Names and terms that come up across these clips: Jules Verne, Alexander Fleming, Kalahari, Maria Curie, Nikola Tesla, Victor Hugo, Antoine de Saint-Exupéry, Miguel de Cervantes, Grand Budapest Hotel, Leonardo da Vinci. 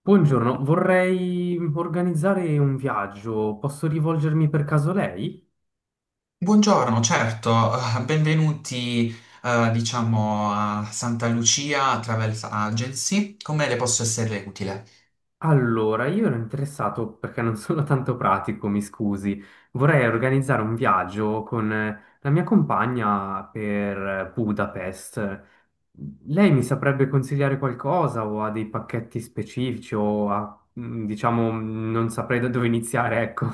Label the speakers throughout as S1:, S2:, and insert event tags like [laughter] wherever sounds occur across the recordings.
S1: Buongiorno, vorrei organizzare un viaggio. Posso rivolgermi per caso a lei?
S2: Buongiorno, certo, benvenuti, diciamo, a Santa Lucia Travel Agency. Come le posso essere utile?
S1: Allora, io ero interessato perché non [laughs] sono tanto pratico, mi scusi. Vorrei organizzare un viaggio con la mia compagna per Budapest. Lei mi saprebbe consigliare qualcosa o ha dei pacchetti specifici o ha, diciamo, non saprei da dove iniziare, ecco.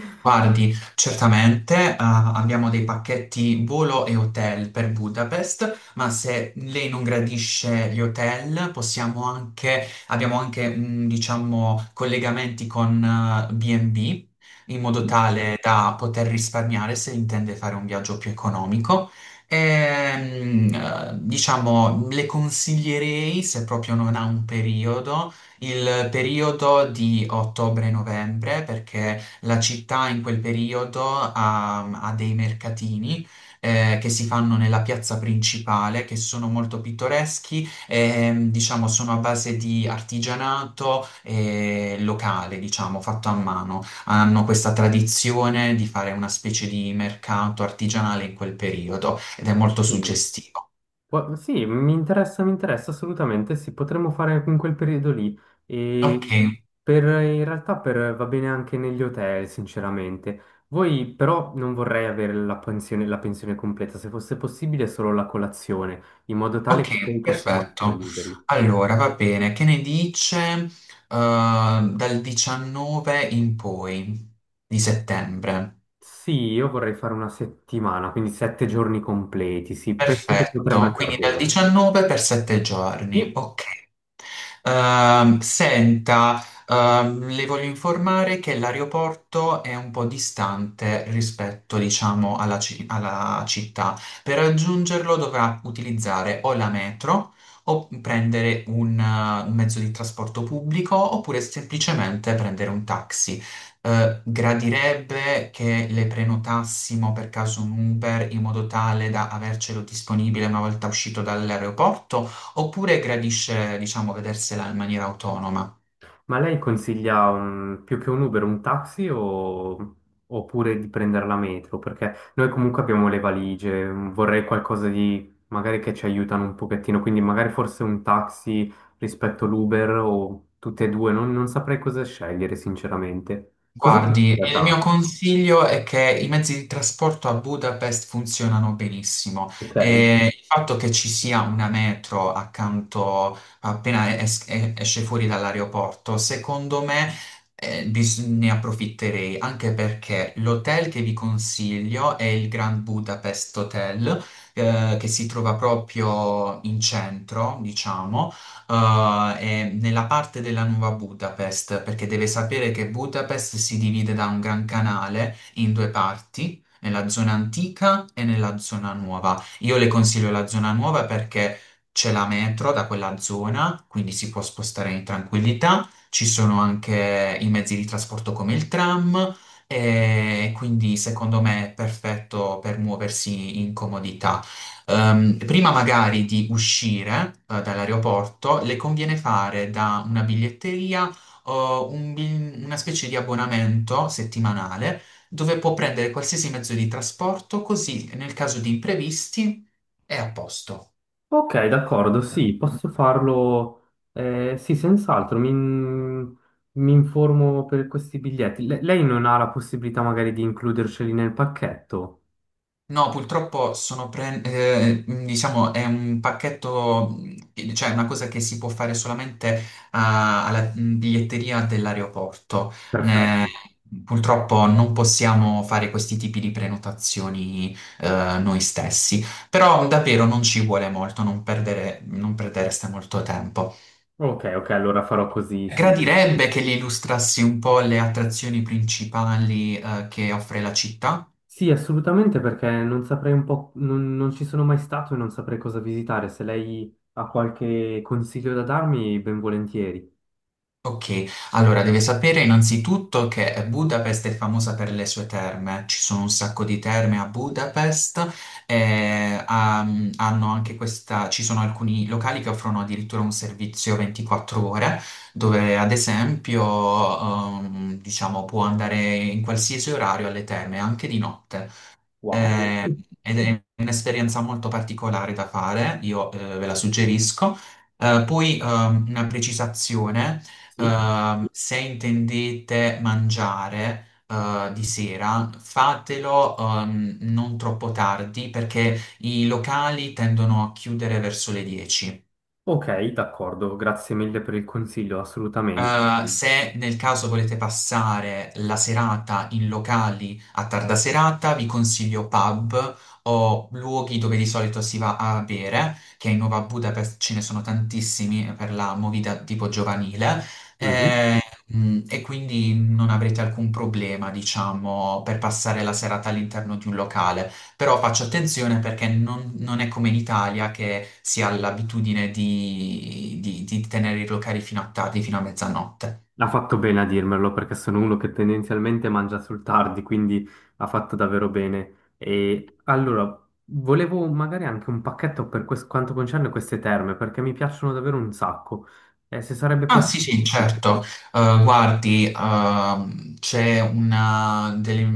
S1: [laughs]
S2: Guardi, certamente, abbiamo dei pacchetti volo e hotel per Budapest, ma se lei non gradisce gli hotel, possiamo anche, abbiamo anche, diciamo, collegamenti con B&B, in modo
S1: Mhm.
S2: tale da poter risparmiare se intende fare un viaggio più economico. E, diciamo, le consiglierei, se proprio non ha un periodo, il periodo di ottobre-novembre, perché la città in quel periodo ha dei mercatini che si fanno nella piazza principale, che sono molto pittoreschi, e, diciamo sono a base di artigianato locale, diciamo, fatto a mano. Hanno questa tradizione di fare una specie di mercato artigianale in quel periodo ed è molto
S1: Mm.
S2: suggestivo.
S1: Sì, mi interessa assolutamente, sì, potremmo fare in quel periodo lì. E
S2: Ok,
S1: per, in realtà per- va bene anche negli hotel, sinceramente. Voi però non vorrei avere la pensione completa, se fosse possibile solo la colazione, in modo tale che poi
S2: ok,
S1: possiamo essere
S2: perfetto.
S1: liberi.
S2: Allora, va bene, che ne dice dal 19 in poi di settembre?
S1: Sì, io vorrei fare una settimana, quindi sette giorni completi, sì, penso che potrebbe
S2: Perfetto,
S1: andare
S2: quindi dal
S1: bene.
S2: 19 per 7 giorni,
S1: Sì.
S2: ok. Senta, le voglio informare che l'aeroporto è un po' distante rispetto, diciamo, alla, alla città. Per raggiungerlo dovrà utilizzare o la metro o prendere un mezzo di trasporto pubblico oppure semplicemente prendere un taxi gradirebbe che le prenotassimo per caso un Uber in modo tale da avercelo disponibile una volta uscito dall'aeroporto, oppure gradisce, diciamo, vedersela in maniera autonoma?
S1: Ma lei consiglia più che un Uber, un taxi o oppure di prendere la metro? Perché noi comunque abbiamo le valigie, mm, vorrei qualcosa di magari che ci aiutano un pochettino, quindi magari forse un taxi rispetto all'Uber o tutte e due, non saprei cosa scegliere sinceramente. Cosa ti è
S2: Guardi, il mio
S1: piaciuta?
S2: consiglio è che i mezzi di trasporto a Budapest funzionano benissimo
S1: Ok.
S2: e il fatto che ci sia una metro accanto esce fuori dall'aeroporto, secondo me ne approfitterei, anche perché l'hotel che vi consiglio è il Grand Budapest Hotel, che si trova proprio in centro, diciamo è nella parte della nuova Budapest, perché deve sapere che Budapest si divide da un gran canale in due parti, nella zona antica e nella zona nuova. Io le consiglio la zona nuova perché c'è la metro da quella zona, quindi si può spostare in tranquillità, ci sono anche i mezzi di trasporto come il tram. E quindi secondo me è perfetto per muoversi in comodità. Prima magari di uscire, dall'aeroporto, le conviene fare da una biglietteria o una specie di abbonamento settimanale dove può prendere qualsiasi mezzo di trasporto, così nel caso di imprevisti è a posto.
S1: Ok, d'accordo, sì, posso farlo. Sì, senz'altro, mi informo per questi biglietti. Lei non ha la possibilità magari di includerceli nel pacchetto?
S2: No, purtroppo diciamo, è un pacchetto, cioè una cosa che si può fare solamente alla biglietteria dell'aeroporto. Ne-
S1: Perfetto.
S2: purtroppo non possiamo fare questi tipi di prenotazioni noi stessi, però davvero non ci vuole molto, non perdereste molto tempo.
S1: Ok, ok, allora farò così, sì.
S2: Gradirebbe che gli illustrassi un po' le attrazioni principali che offre la città.
S1: Sì, assolutamente, perché non saprei un po', non ci sono mai stato e non saprei cosa visitare. Se lei ha qualche consiglio da darmi, ben volentieri.
S2: Ok, allora deve sapere innanzitutto che Budapest è famosa per le sue terme, ci sono un sacco di terme a Budapest, e, hanno anche questa, ci sono alcuni locali che offrono addirittura un servizio 24 ore, dove ad esempio, diciamo, può andare in qualsiasi orario alle terme, anche di notte.
S1: Wow.
S2: Eh, ed è un'esperienza molto particolare da fare, io ve la suggerisco. Poi una precisazione,
S1: Sì.
S2: se intendete mangiare di sera, fatelo non troppo tardi perché i locali tendono a chiudere verso le 10.
S1: Ok, d'accordo, grazie mille per il consiglio, assolutamente.
S2: Se nel caso volete passare la serata in locali a tarda serata, vi consiglio pub o luoghi dove di solito si va a bere, che in Nuova Budapest ce ne sono tantissimi per la movida tipo giovanile. Eh,
S1: Mhm.
S2: E quindi non avrete alcun problema, diciamo, per passare la serata all'interno di un locale. Però faccio attenzione perché non è come in Italia che si ha l'abitudine di tenere i locali fino a tardi, fino a mezzanotte.
S1: Ha fatto bene a dirmelo perché sono uno che tendenzialmente mangia sul tardi, quindi ha fatto davvero bene. E allora, volevo magari anche un pacchetto per quanto concerne queste terme, perché mi piacciono davvero un sacco. Se sarebbe
S2: Ah, sì, sì,
S1: possibile, sì.
S2: certo. Guardi c'è una delle,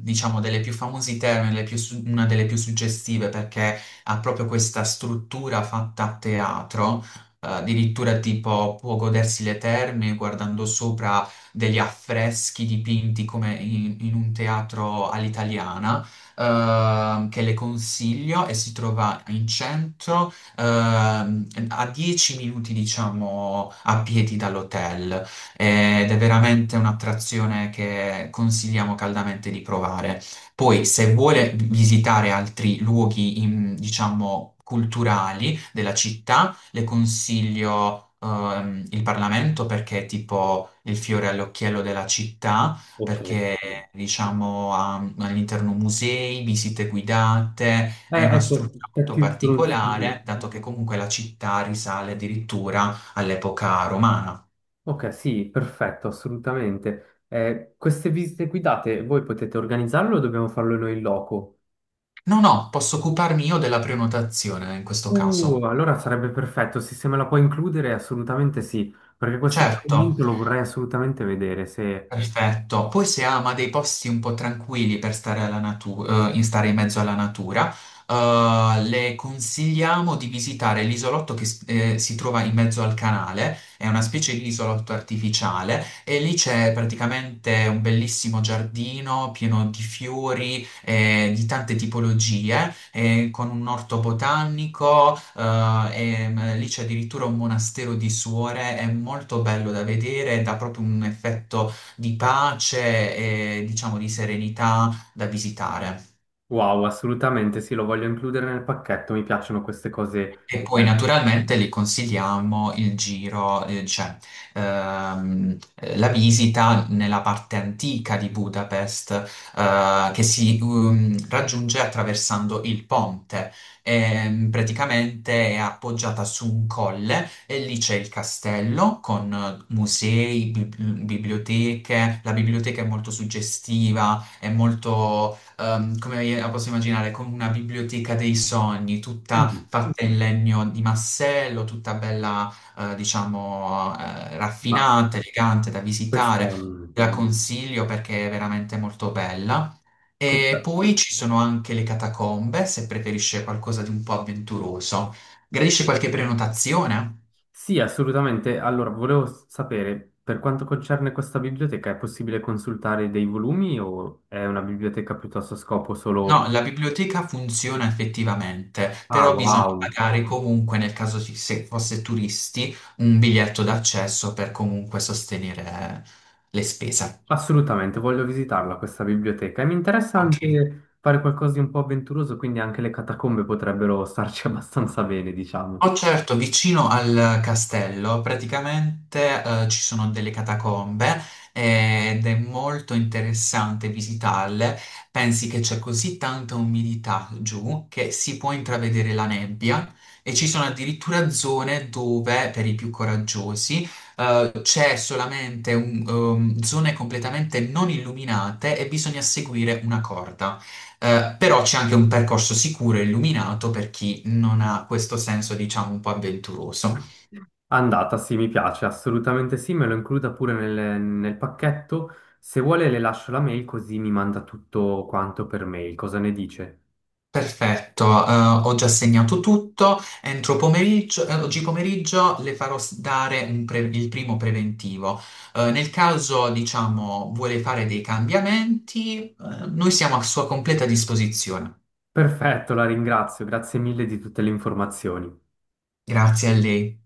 S2: diciamo, delle più famose terme, una delle più suggestive perché ha proprio questa struttura fatta a teatro, addirittura tipo può godersi le terme guardando sopra degli affreschi dipinti come in un teatro all'italiana, che le consiglio e si trova in centro a 10 minuti, diciamo, a piedi dall'hotel ed è veramente un'attrazione che consigliamo caldamente di provare. Poi, se vuole visitare altri luoghi, diciamo, culturali della città, le consiglio il Parlamento perché è tipo il fiore all'occhiello della città,
S1: Ok,
S2: perché
S1: sì.
S2: diciamo ha all'interno musei, visite guidate, è una
S1: Ecco,
S2: struttura molto
S1: aspetti solo un secondo.
S2: particolare, dato che comunque la città risale addirittura all'epoca romana.
S1: Ok, sì, perfetto, assolutamente. Queste visite guidate, voi potete organizzarle o dobbiamo farlo noi in loco?
S2: No, no, posso occuparmi io della prenotazione in questo caso.
S1: Allora sarebbe perfetto, sì, se me la puoi includere assolutamente sì, perché questo
S2: Certo,
S1: appuntamento lo vorrei assolutamente vedere, se...
S2: perfetto. Poi se ama dei posti un po' tranquilli per stare, alla natu- in stare in mezzo alla natura, le consigliamo di visitare l'isolotto si trova in mezzo al canale, è una specie di isolotto artificiale e lì c'è praticamente un bellissimo giardino pieno di fiori, di tante tipologie, con un orto botanico, e, lì c'è addirittura un monastero di suore, è molto bello da vedere, dà proprio un effetto di pace e diciamo di serenità da visitare.
S1: Wow, assolutamente sì, lo voglio includere nel pacchetto, mi piacciono queste cose.
S2: E poi naturalmente li consigliamo il giro, cioè la visita nella parte antica di Budapest, che si raggiunge attraversando il ponte. Praticamente è appoggiata su un colle e lì c'è il castello con musei, biblioteche. La biblioteca è molto suggestiva, è molto come la posso immaginare, con una biblioteca dei sogni, tutta
S1: Mm,
S2: fatta in legno di massello, tutta bella, diciamo,
S1: ma
S2: raffinata, elegante da
S1: questa,
S2: visitare. Te la consiglio perché è veramente molto bella. E
S1: questa...
S2: poi ci sono anche le catacombe, se preferisce qualcosa di un po' avventuroso. Gradisce qualche prenotazione?
S1: Sì, assolutamente. Allora, volevo sapere, per quanto concerne questa biblioteca, è possibile consultare dei volumi o è una biblioteca piuttosto a scopo
S2: No,
S1: solo...
S2: la biblioteca funziona effettivamente,
S1: Ah,
S2: però bisogna
S1: wow.
S2: pagare comunque, nel caso se fosse turisti, un biglietto d'accesso per comunque sostenere le spese.
S1: Assolutamente, voglio visitarla questa biblioteca e mi interessa
S2: Ok.
S1: anche fare qualcosa di un po' avventuroso, quindi anche le catacombe potrebbero starci [laughs] abbastanza bene, diciamo.
S2: Oh, certo, vicino al castello praticamente ci sono delle catacombe ed è molto interessante visitarle. Pensi che c'è così tanta umidità giù che si può intravedere la nebbia e ci sono addirittura zone dove, per i più coraggiosi, c'è solamente zone completamente non illuminate e bisogna seguire una corda. Però c'è anche un percorso sicuro e illuminato per chi non ha questo senso, diciamo, un po' avventuroso.
S1: Andata, sì, mi piace, assolutamente sì, me lo includa pure nel, nel pacchetto. Se vuole le lascio la mail così mi manda tutto quanto per mail, cosa ne dice?
S2: Perfetto, ho già segnato tutto. Entro pomeriggio, oggi pomeriggio le farò dare il primo preventivo. Nel caso, diciamo, vuole fare dei cambiamenti, noi siamo a sua completa disposizione.
S1: Perfetto, la ringrazio, grazie mille di tutte le informazioni.
S2: Grazie a lei.